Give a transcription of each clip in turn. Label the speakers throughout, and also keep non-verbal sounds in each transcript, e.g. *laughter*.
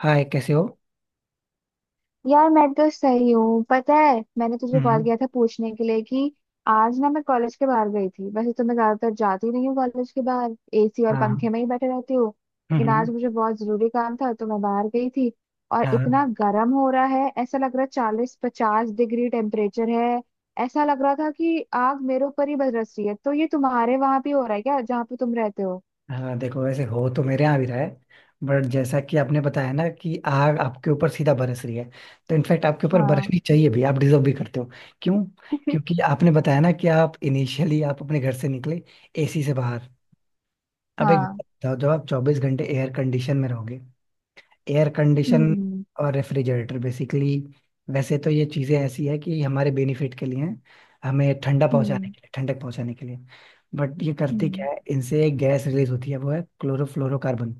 Speaker 1: हाय, कैसे हो।
Speaker 2: यार मैं तो सही हूँ। पता है मैंने तुझे कॉल
Speaker 1: हम्म।
Speaker 2: किया था पूछने के लिए कि आज ना मैं कॉलेज के बाहर गई थी। वैसे तो मैं ज्यादातर जाती नहीं हूँ कॉलेज के बाहर, एसी और पंखे
Speaker 1: हाँ।
Speaker 2: में ही बैठे रहती हूँ। लेकिन आज
Speaker 1: हम्म।
Speaker 2: मुझे बहुत जरूरी काम था तो मैं बाहर गई थी। और
Speaker 1: हाँ।
Speaker 2: इतना गर्म हो रहा है, ऐसा लग रहा है 40-50 डिग्री टेम्परेचर है। ऐसा लग रहा था कि आग मेरे ऊपर ही बरस रही है। तो ये तुम्हारे वहां भी हो रहा है क्या, जहाँ पे तुम रहते हो?
Speaker 1: हाँ, देखो वैसे हो तो मेरे यहाँ भी रहा है। बट जैसा कि आपने बताया ना कि आग आपके ऊपर सीधा बरस रही है, तो इनफैक्ट आपके ऊपर
Speaker 2: हाँ।
Speaker 1: बरसनी चाहिए भी, आप डिजर्व भी करते हो। क्यों?
Speaker 2: *laughs*
Speaker 1: क्योंकि आपने बताया ना कि आप इनिशियली आप अपने घर से निकले, एसी से बाहर। अब एक बात
Speaker 2: हाँ।
Speaker 1: बताओ, जब आप 24 घंटे एयर कंडीशन में रहोगे, एयर कंडीशन
Speaker 2: हम्म।
Speaker 1: और रेफ्रिजरेटर बेसिकली। वैसे तो ये चीज़ें ऐसी है कि हमारे बेनिफिट के लिए हैं, हमें ठंडा पहुंचाने
Speaker 2: हम्म।
Speaker 1: के लिए, ठंडक पहुंचाने के लिए। बट ये करते
Speaker 2: हम्म।
Speaker 1: क्या है, इनसे एक गैस रिलीज होती है, वो है क्लोरोफ्लोरोकार्बन।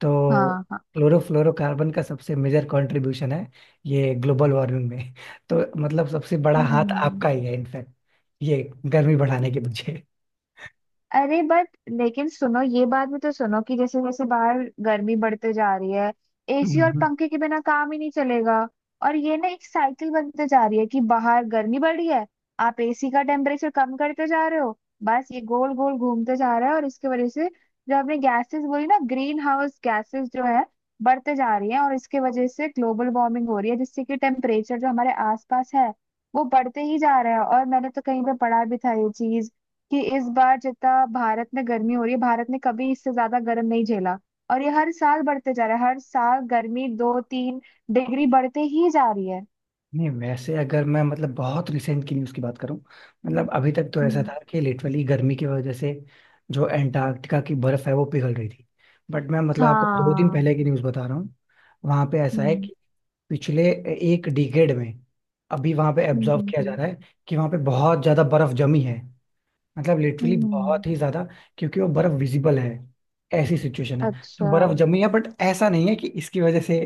Speaker 1: तो
Speaker 2: हाँ हाँ।
Speaker 1: क्लोरोफ्लोरोकार्बन का सबसे मेजर कंट्रीब्यूशन है ये ग्लोबल वार्मिंग में। तो मतलब सबसे बड़ा हाथ आपका
Speaker 2: हम्म।
Speaker 1: ही है इनफैक्ट, ये गर्मी बढ़ाने के पीछे।
Speaker 2: अरे बट लेकिन सुनो, ये बात भी तो सुनो कि जैसे जैसे बाहर गर्मी बढ़ते जा रही है, एसी और
Speaker 1: हम्म।
Speaker 2: पंखे के बिना काम ही नहीं चलेगा। और ये ना एक साइकिल बनते जा रही है कि बाहर गर्मी बढ़ रही है, आप एसी का टेम्परेचर कम करते जा रहे हो, बस ये गोल गोल घूमते जा रहा है। और इसकी वजह से जो आपने गैसेस बोली ना, ग्रीन हाउस गैसेस जो है बढ़ते जा रही है, और इसके वजह से ग्लोबल वार्मिंग हो रही है जिससे कि टेम्परेचर जो हमारे आसपास है वो बढ़ते ही जा रहा है। और मैंने तो कहीं पे पढ़ा भी था ये चीज कि इस बार जितना भारत में गर्मी हो रही है, भारत ने कभी इससे ज्यादा गर्म नहीं झेला। और ये हर साल बढ़ते जा रहा है, हर साल गर्मी 2-3 डिग्री बढ़ते ही जा रही है।
Speaker 1: नहीं, वैसे अगर मैं मतलब बहुत रिसेंट की न्यूज़ की बात करूं, मतलब अभी तक तो ऐसा
Speaker 2: हम्म।
Speaker 1: था कि लिटरली गर्मी की वजह से जो एंटार्क्टिका की बर्फ है वो पिघल रही थी। बट मैं मतलब आपको 2 दिन
Speaker 2: हाँ।
Speaker 1: पहले की न्यूज़ बता रहा हूँ। वहां पे ऐसा है
Speaker 2: हम्म।
Speaker 1: कि पिछले एक डिकेड में अभी वहां पे
Speaker 2: हम्म।
Speaker 1: एब्जॉर्व किया जा
Speaker 2: हम्म।
Speaker 1: रहा है कि वहां पे बहुत ज्यादा बर्फ जमी है, मतलब लिटरली
Speaker 2: हम्म। हम्म।
Speaker 1: बहुत ही ज्यादा। क्योंकि वो बर्फ विजिबल है, ऐसी सिचुएशन है, तो
Speaker 2: अच्छा।
Speaker 1: बर्फ जमी है। बट ऐसा नहीं है कि इसकी वजह से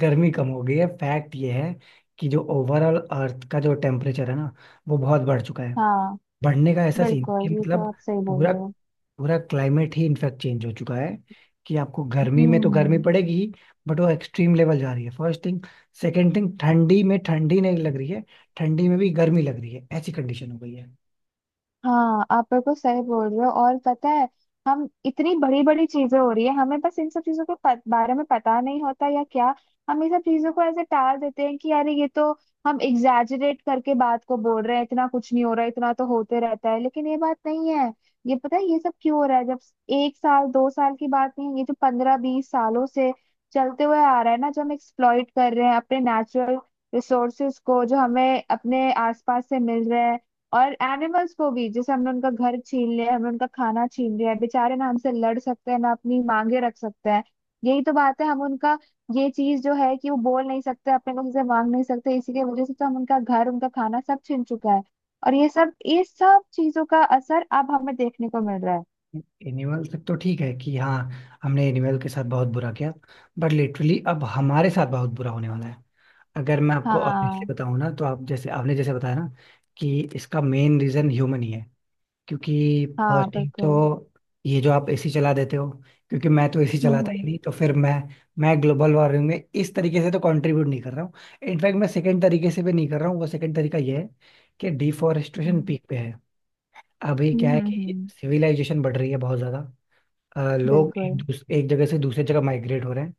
Speaker 1: गर्मी कम हो गई है। फैक्ट ये है कि जो ओवरऑल अर्थ का जो टेम्परेचर है ना, वो बहुत बढ़ चुका है।
Speaker 2: हाँ
Speaker 1: बढ़ने का ऐसा सीन कि
Speaker 2: बिल्कुल, ये तो
Speaker 1: मतलब
Speaker 2: आप सही बोल
Speaker 1: पूरा
Speaker 2: रहे हो।
Speaker 1: पूरा क्लाइमेट ही इनफैक्ट चेंज हो चुका है। कि आपको गर्मी में तो गर्मी
Speaker 2: हम्म।
Speaker 1: पड़ेगी ही, बट वो एक्सट्रीम लेवल जा रही है, फर्स्ट थिंग। सेकेंड थिंग, ठंडी में ठंडी नहीं लग रही है, ठंडी में भी गर्मी लग रही है, ऐसी कंडीशन हो गई है।
Speaker 2: हाँ आप बिल्कुल सही बोल रहे हो। और पता है, हम इतनी बड़ी बड़ी चीजें हो रही है, हमें बस इन सब चीजों के बारे में पता नहीं होता या क्या, हम ये सब चीजों को ऐसे टाल देते हैं कि यार ये तो हम एग्जैजरेट करके बात को बोल रहे हैं, इतना कुछ नहीं हो रहा, इतना तो होते रहता है। लेकिन ये बात नहीं है। ये पता है ये सब क्यों हो रहा है? जब एक साल दो साल की बात नहीं है, ये जो 15-20 सालों से चलते हुए आ रहा है ना, जो हम एक्सप्लॉइट कर रहे हैं अपने नेचुरल रिसोर्सेज को जो हमें अपने आसपास से मिल रहे हैं। और एनिमल्स को भी, जैसे हमने उनका घर छीन लिया, हमने उनका खाना छीन लिया है, बेचारे ना हमसे लड़ सकते हैं ना अपनी मांगे रख सकते हैं। यही तो बात है, हम उनका, ये चीज जो है कि वो बोल नहीं सकते अपने को, किसी से मांग नहीं सकते, इसी की वजह से तो हम उनका घर उनका खाना सब छीन चुका है। और ये सब चीजों का असर अब हमें देखने को मिल रहा है।
Speaker 1: एनिमल तक तो ठीक है कि हाँ, हमने एनिमल के साथ बहुत बुरा किया। बट लिटरली अब हमारे साथ बहुत बुरा होने वाला है। अगर मैं आपको
Speaker 2: हाँ
Speaker 1: ऑनेस्टली बताऊं ना, तो आप जैसे आपने जैसे बताया ना कि इसका मेन रीजन ह्यूमन ही है। क्योंकि
Speaker 2: हाँ
Speaker 1: फर्स्ट थिंग
Speaker 2: बिल्कुल।
Speaker 1: तो ये जो आप एसी चला देते हो। क्योंकि मैं तो एसी
Speaker 2: हम्म।
Speaker 1: चलाता ही
Speaker 2: हम्म।
Speaker 1: नहीं, तो फिर मैं ग्लोबल वार्मिंग में इस तरीके से तो कंट्रीब्यूट नहीं कर रहा हूँ। इनफैक्ट मैं सेकंड तरीके से भी नहीं कर रहा हूँ। वो सेकंड तरीका ये है कि डिफॉरेस्टेशन
Speaker 2: हम्म।
Speaker 1: पीक पे है। अभी क्या
Speaker 2: हम्म।
Speaker 1: है
Speaker 2: हम्म।
Speaker 1: कि
Speaker 2: हम्म।
Speaker 1: सिविलाइजेशन बढ़ रही है बहुत ज्यादा। लोग
Speaker 2: बिल्कुल।
Speaker 1: एक जगह से दूसरी जगह माइग्रेट हो रहे हैं।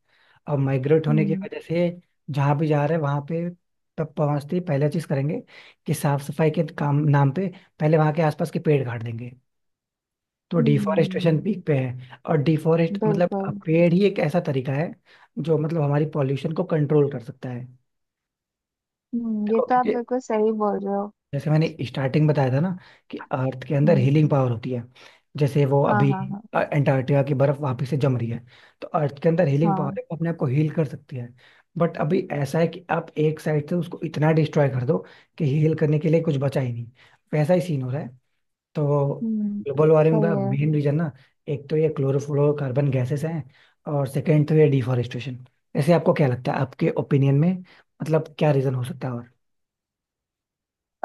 Speaker 1: अब माइग्रेट होने की
Speaker 2: हम्म।
Speaker 1: वजह से जहाँ भी जा रहे हैं वहाँ पे, तब पहुँचते ही पहला चीज़ करेंगे कि साफ सफाई के काम नाम पे पहले वहाँ के आसपास के पेड़ काट देंगे। तो डिफॉरेस्टेशन
Speaker 2: हम्म
Speaker 1: पीक पे है। और डिफॉरेस्ट मतलब
Speaker 2: बिल्कुल।
Speaker 1: पेड़ ही एक ऐसा तरीका है जो मतलब हमारी पॉल्यूशन को कंट्रोल कर सकता है।
Speaker 2: ये
Speaker 1: देखो,
Speaker 2: तो आप
Speaker 1: क्योंकि
Speaker 2: बिल्कुल सही बोल रहे हो।
Speaker 1: जैसे मैंने स्टार्टिंग बताया था ना कि अर्थ के अंदर
Speaker 2: हम्म।
Speaker 1: हीलिंग पावर होती है। जैसे वो
Speaker 2: हाँ
Speaker 1: अभी
Speaker 2: हाँ हाँ।
Speaker 1: अंटार्कटिका की बर्फ वापस से जम रही है। तो अर्थ के अंदर हीलिंग पावर
Speaker 2: हाँ।
Speaker 1: है, वो अपने आप को हील कर सकती है। बट अभी ऐसा है कि आप एक साइड से उसको इतना डिस्ट्रॉय कर दो कि हील करने के लिए कुछ बचा ही नहीं, वैसा ही सीन हो रहा है। तो
Speaker 2: हम्म।
Speaker 1: ग्लोबल वार्मिंग
Speaker 2: सही
Speaker 1: का
Speaker 2: है।
Speaker 1: मेन रीजन ना, एक तो ये क्लोरोफ्लोरोकार्बन गैसेस हैं, और सेकेंड तो ये डिफॉरेस्टेशन। ऐसे आपको क्या लगता है, आपके ओपिनियन में मतलब क्या रीजन हो सकता है?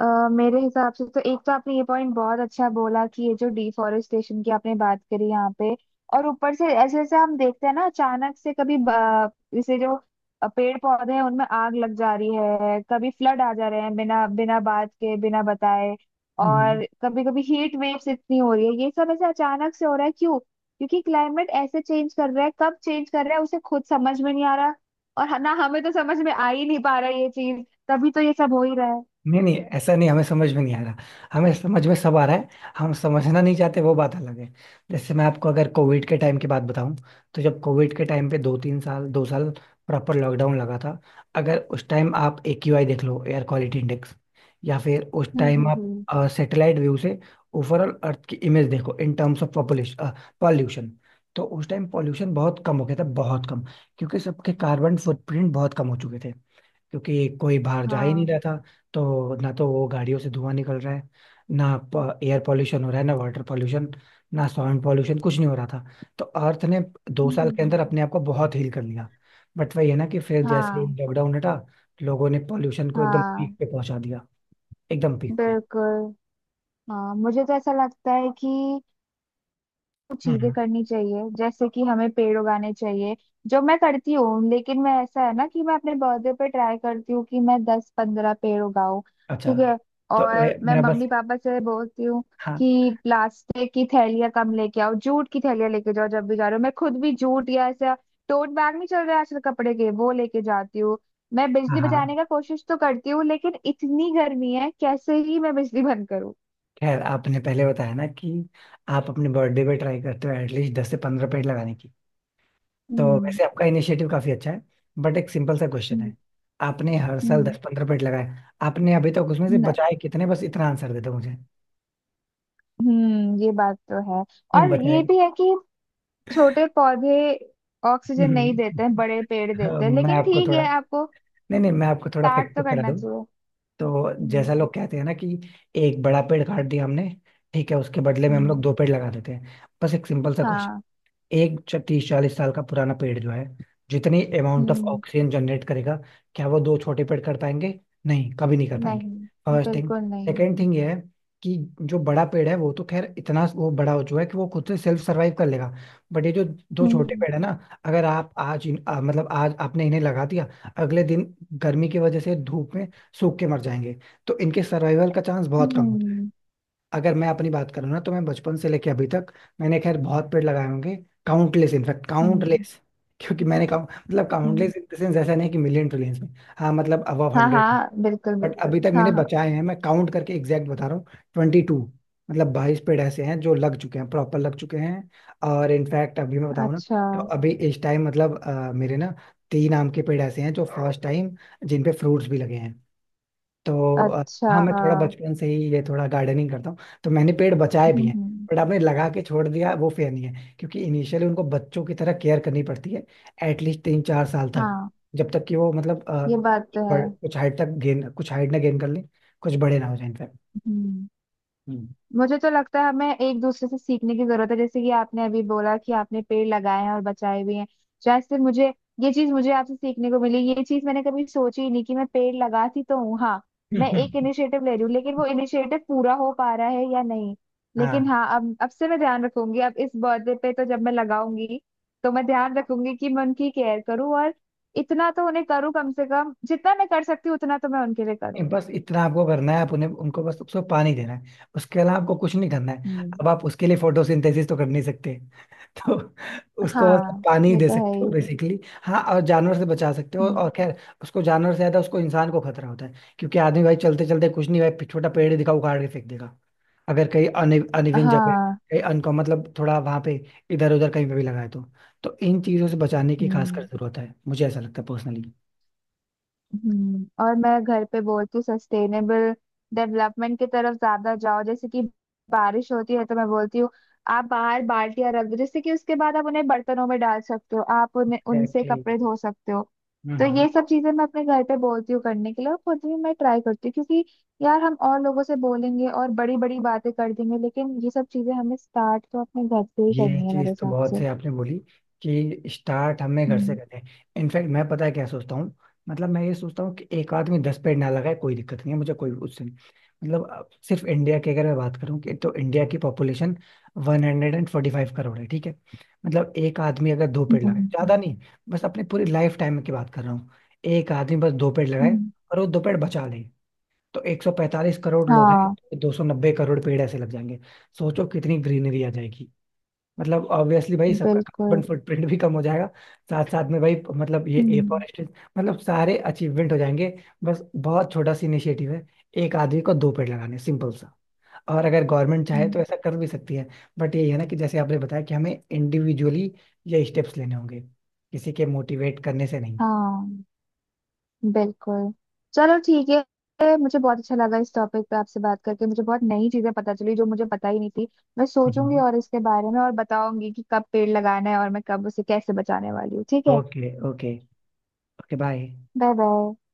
Speaker 2: अ मेरे हिसाब से तो, एक तो आपने ये पॉइंट बहुत अच्छा बोला कि ये जो डिफोरेस्टेशन की आपने बात करी यहाँ पे, और ऊपर से ऐसे ऐसे हम देखते हैं ना अचानक से, कभी जैसे जो पेड़ पौधे हैं उनमें आग लग जा रही है, कभी फ्लड आ जा रहे हैं बिना बिना बात के, बिना बताए,
Speaker 1: और
Speaker 2: और कभी कभी हीट वेव्स इतनी हो रही है। ये सब ऐसे अचानक से हो रहा है क्यों? क्योंकि क्लाइमेट ऐसे चेंज कर रहा है, कब चेंज कर रहा है उसे खुद समझ में नहीं आ रहा, और ना हमें तो समझ में आ ही नहीं पा रहा ये चीज, तभी तो ये सब हो ही रहा है।
Speaker 1: नहीं नहीं, ऐसा नहीं हमें समझ में नहीं आ रहा, हमें समझ में सब आ रहा है, हम समझना नहीं चाहते, वो बात अलग है। जैसे मैं आपको अगर कोविड के टाइम की बात बताऊं, तो जब कोविड के टाइम पे 2 3 साल 2 साल प्रॉपर लॉकडाउन लगा था, अगर उस टाइम आप एक्यूआई देख लो, एयर क्वालिटी इंडेक्स, या फिर उस टाइम
Speaker 2: हम्म।
Speaker 1: आप
Speaker 2: हम्म।
Speaker 1: सैटेलाइट व्यू से ओवरऑल अर्थ की इमेज देखो in terms of population, pollution, तो उस टाइम पॉल्यूशन बहुत कम हो गया था, बहुत कम। क्योंकि सबके कार्बन फुटप्रिंट बहुत कम हो चुके थे, क्योंकि कोई बाहर जा ही नहीं रहा
Speaker 2: हाँ।
Speaker 1: था। तो ना तो वो गाड़ियों से धुआं निकल रहा है, ना एयर पॉल्यूशन हो रहा है, ना वाटर पॉल्यूशन, ना साउंड पॉल्यूशन, कुछ नहीं हो रहा था। तो अर्थ ने दो
Speaker 2: हम्म। हम्म।
Speaker 1: साल के
Speaker 2: हम्म।
Speaker 1: अंदर अपने आप को बहुत हील कर लिया। बट वही है ना, कि फिर जैसे ही
Speaker 2: हाँ।
Speaker 1: लॉकडाउन हटा, लोगों ने पॉल्यूशन को एकदम पीक
Speaker 2: हाँ
Speaker 1: पे पहुंचा दिया, एकदम पीक पे।
Speaker 2: बिल्कुल। हाँ मुझे तो ऐसा लगता है कि चीजें
Speaker 1: हम्म।
Speaker 2: करनी चाहिए, जैसे कि हमें पेड़ उगाने चाहिए, जो मैं करती हूँ। लेकिन मैं, ऐसा है ना कि मैं अपने बर्थडे पे ट्राई करती हूँ कि मैं 10-15 पेड़ उगाऊं।
Speaker 1: अच्छा।
Speaker 2: ठीक है।
Speaker 1: तो
Speaker 2: और मैं
Speaker 1: मेरा बस,
Speaker 2: मम्मी पापा से बोलती हूँ
Speaker 1: हाँ
Speaker 2: कि प्लास्टिक की थैलियाँ कम लेके आओ, जूट की थैलियाँ लेके जाओ जब भी जा रहे हो। मैं खुद भी जूट या ऐसा, टोट बैग नहीं चल रहा है आजकल, कपड़े के वो लेके जाती हूँ। मैं
Speaker 1: हाँ
Speaker 2: बिजली बचाने
Speaker 1: हाँ,
Speaker 2: का कोशिश तो करती हूँ, लेकिन इतनी गर्मी है कैसे ही मैं बिजली बंद करूँ।
Speaker 1: खैर आपने पहले बताया ना कि आप अपने बर्थडे पे ट्राई करते हो एटलीस्ट 10 से 15 पेड़ लगाने की, तो
Speaker 2: हम्म।
Speaker 1: वैसे आपका इनिशिएटिव काफी अच्छा है। बट एक सिंपल सा क्वेश्चन
Speaker 2: हम्म।
Speaker 1: है। आपने हर साल 10 15 पेड़ लगाए, आपने अभी तक उसमें से
Speaker 2: हम्म।
Speaker 1: बचाए कितने? बस इतना आंसर दे दो मुझे,
Speaker 2: ये बात तो है।
Speaker 1: नहीं
Speaker 2: और ये
Speaker 1: बचाए।
Speaker 2: भी है कि छोटे पौधे ऑक्सीजन नहीं देते
Speaker 1: *laughs*
Speaker 2: हैं, बड़े पेड़
Speaker 1: हाँ,
Speaker 2: देते हैं।
Speaker 1: मैं
Speaker 2: लेकिन
Speaker 1: आपको
Speaker 2: ठीक
Speaker 1: थोड़ा,
Speaker 2: है, आपको
Speaker 1: नहीं नहीं, मैं आपको थोड़ा
Speaker 2: स्टार्ट
Speaker 1: फैक्ट
Speaker 2: तो
Speaker 1: चेक करा
Speaker 2: करना
Speaker 1: दूं।
Speaker 2: चाहिए।
Speaker 1: तो जैसा
Speaker 2: हम्म।
Speaker 1: लोग कहते हैं ना कि एक बड़ा पेड़ काट दिया हमने, ठीक है, उसके बदले में हम
Speaker 2: हम्म।
Speaker 1: लोग दो पेड़ लगा देते हैं। बस एक सिंपल सा,
Speaker 2: हाँ।
Speaker 1: 30 40 साल का पुराना पेड़ जो है, जितनी अमाउंट ऑफ
Speaker 2: हम्म।
Speaker 1: ऑक्सीजन जनरेट करेगा, क्या वो दो छोटे पेड़ कर पाएंगे? नहीं, कभी नहीं कर पाएंगे।
Speaker 2: नहीं,
Speaker 1: फर्स्ट थिंग,
Speaker 2: बिल्कुल नहीं।
Speaker 1: सेकेंड थिंग ये है कि जो बड़ा पेड़ है वो तो खैर इतना वो बड़ा हो चुका है कि वो खुद से सेल्फ सर्वाइव कर लेगा। बट ये जो दो छोटे
Speaker 2: हम्म।
Speaker 1: पेड़ है ना, अगर आप आज मतलब आज आपने इन्हें लगा दिया, अगले दिन गर्मी की वजह से धूप में सूख के मर जाएंगे। तो इनके सर्वाइवल का चांस बहुत
Speaker 2: हम्म।
Speaker 1: कम।
Speaker 2: हम्म।
Speaker 1: अगर मैं अपनी बात करूँ ना, तो मैं बचपन से लेके अभी तक मैंने खैर बहुत पेड़ लगाए होंगे, काउंटलेस इनफैक्ट,
Speaker 2: हम्म।
Speaker 1: काउंटलेस। क्योंकि मैंने काउ मतलब
Speaker 2: हम्म।
Speaker 1: काउंटलेस इन द सेंस, ऐसा नहीं कि मिलियन ट्रिलियंस में। हाँ, मतलब अबव
Speaker 2: हाँ
Speaker 1: 100।
Speaker 2: हाँ बिल्कुल
Speaker 1: बट
Speaker 2: बिल्कुल
Speaker 1: अभी तक मैंने
Speaker 2: हाँ हाँ।
Speaker 1: बचाए हैं, मैं काउंट करके एग्जैक्ट बता रहा हूँ, 22, मतलब 22 पेड़ ऐसे हैं जो लग चुके हैं, प्रॉपर लग चुके हैं। और इनफैक्ट अभी मैं बताऊँ ना,
Speaker 2: अच्छा।
Speaker 1: तो अभी इस टाइम मतलब मेरे ना तीन आम के पेड़ ऐसे हैं जो फर्स्ट टाइम जिन पे फ्रूट्स भी लगे हैं। तो
Speaker 2: अच्छा।
Speaker 1: हाँ, मैं थोड़ा
Speaker 2: हम्म।
Speaker 1: बचपन से ही ये थोड़ा गार्डनिंग करता हूँ, तो मैंने पेड़ बचाए भी हैं।
Speaker 2: हम्म।
Speaker 1: बट आपने लगा के छोड़ दिया, वो फेयर नहीं है, क्योंकि इनिशियली उनको बच्चों की तरह केयर करनी पड़ती है, एटलीस्ट 3 4 साल तक,
Speaker 2: हाँ
Speaker 1: जब तक कि वो मतलब
Speaker 2: ये बात तो है।
Speaker 1: कुछ हाइट तक गेन, कुछ हाइट ना गेन कर लें, कुछ बड़े ना हो जाए इनफैक्ट।
Speaker 2: हम्म मुझे तो लगता है हमें एक दूसरे से सीखने की जरूरत है, जैसे कि आपने अभी बोला कि आपने पेड़ लगाए हैं और बचाए भी हैं। शायद से मुझे ये चीज, मुझे आपसे सीखने को मिली। ये चीज मैंने कभी सोची ही नहीं कि मैं पेड़ लगाती तो हूँ, हाँ मैं एक
Speaker 1: हम्म।
Speaker 2: इनिशिएटिव ले रही हूँ, लेकिन वो इनिशिएटिव पूरा हो पा रहा है या नहीं। लेकिन
Speaker 1: हाँ,
Speaker 2: हाँ, अब से मैं ध्यान रखूंगी, अब इस बर्थडे पे तो जब मैं लगाऊंगी तो मैं ध्यान रखूंगी कि मैं उनकी केयर करूँ, और इतना तो उन्हें करूँ, कम से कम जितना मैं कर सकती हूँ उतना तो मैं उनके लिए करूँ।
Speaker 1: नहीं, बस इतना आपको करना है, आप उन्हें उनको बस उसको पानी देना है, उसके अलावा आपको कुछ नहीं करना है।
Speaker 2: हम्म।
Speaker 1: अब आप उसके लिए फोटोसिंथेसिस तो कर नहीं सकते, तो उसको
Speaker 2: हाँ
Speaker 1: पानी ही
Speaker 2: ये
Speaker 1: दे
Speaker 2: तो है
Speaker 1: सकते हो
Speaker 2: ही।
Speaker 1: बेसिकली। हाँ, और जानवर से बचा सकते हो।
Speaker 2: हम्म।
Speaker 1: और खैर, उसको जानवर से ज्यादा उसको इंसान को खतरा होता है, क्योंकि आदमी भाई चलते चलते कुछ नहीं, भाई छोटा पेड़ दिखा उखाड़ के फेंक देगा। अगर कहीं अन अनइवन जगह,
Speaker 2: हाँ।
Speaker 1: कहीं अनका मतलब थोड़ा वहां पे इधर उधर कहीं पे भी लगाए, तो इन चीजों से बचाने की खासकर
Speaker 2: हम्म।
Speaker 1: जरूरत है, मुझे ऐसा लगता है पर्सनली।
Speaker 2: और मैं घर पे बोलती हूँ सस्टेनेबल डेवलपमेंट की तरफ ज्यादा जाओ, जैसे कि बारिश होती है तो मैं बोलती हूँ आप बाहर बाल्टियां रख दो, जैसे कि उसके बाद आप उन्हें बर्तनों में डाल सकते हो, आप उन्हें उनसे
Speaker 1: एग्जैक्टली।
Speaker 2: कपड़े धो सकते हो। तो ये सब चीजें मैं अपने घर पे बोलती हूँ करने के लिए, और खुद भी मैं ट्राई करती हूँ, क्योंकि यार हम और लोगों से बोलेंगे और बड़ी बड़ी बातें कर देंगे, लेकिन ये सब चीजें हमें स्टार्ट तो अपने घर से ही
Speaker 1: ये
Speaker 2: करनी है मेरे
Speaker 1: चीज तो
Speaker 2: हिसाब
Speaker 1: बहुत
Speaker 2: से।
Speaker 1: से आपने बोली कि स्टार्ट हमें घर से
Speaker 2: हम्म।
Speaker 1: करते हैं। इनफैक्ट मैं पता है क्या सोचता हूँ, मतलब मैं ये सोचता हूँ कि एक आदमी 10 पेड़ ना लगाए, कोई दिक्कत नहीं है मुझे, कोई उससे नहीं। मतलब अब सिर्फ इंडिया की अगर मैं बात करूँ, कि तो इंडिया की पॉपुलेशन 145 करोड़ है, ठीक है, मतलब एक आदमी अगर दो
Speaker 2: हम्म।
Speaker 1: पेड़ लगाए,
Speaker 2: हम्म।
Speaker 1: ज्यादा नहीं, बस अपने पूरी लाइफ टाइम की बात कर रहा हूँ, एक आदमी बस दो पेड़ लगाए,
Speaker 2: हम्म।
Speaker 1: और वो दो पेड़ बचा ले, तो 145 करोड़ लोग हैं
Speaker 2: हाँ
Speaker 1: तो 290 करोड़ पेड़ ऐसे लग जाएंगे। सोचो कितनी ग्रीनरी आ जाएगी। मतलब ऑब्वियसली भाई सबका
Speaker 2: बिल्कुल।
Speaker 1: कार्बन फुटप्रिंट भी कम हो जाएगा, साथ साथ में भाई मतलब ये ए फॉर,
Speaker 2: हम्म।
Speaker 1: मतलब सारे अचीवमेंट हो जाएंगे। बस बहुत छोटा सा इनिशिएटिव है, एक आदमी को दो पेड़ लगाने, सिंपल सा। और अगर गवर्नमेंट चाहे तो
Speaker 2: हम्म।
Speaker 1: ऐसा कर भी सकती है। बट यही है ना, कि जैसे आपने बताया कि हमें इंडिविजुअली ये स्टेप्स लेने होंगे, किसी के मोटिवेट करने से नहीं।
Speaker 2: हाँ बिल्कुल। चलो ठीक है, मुझे बहुत अच्छा लगा इस टॉपिक पे आपसे बात करके, मुझे बहुत नई चीजें पता चली जो मुझे पता ही नहीं थी। मैं सोचूंगी
Speaker 1: हम्म।
Speaker 2: और इसके बारे में, और बताऊंगी कि कब पेड़ लगाना है और मैं कब, उसे कैसे बचाने वाली हूँ। ठीक है,
Speaker 1: okay, okay. Okay, bye.
Speaker 2: Bye bye.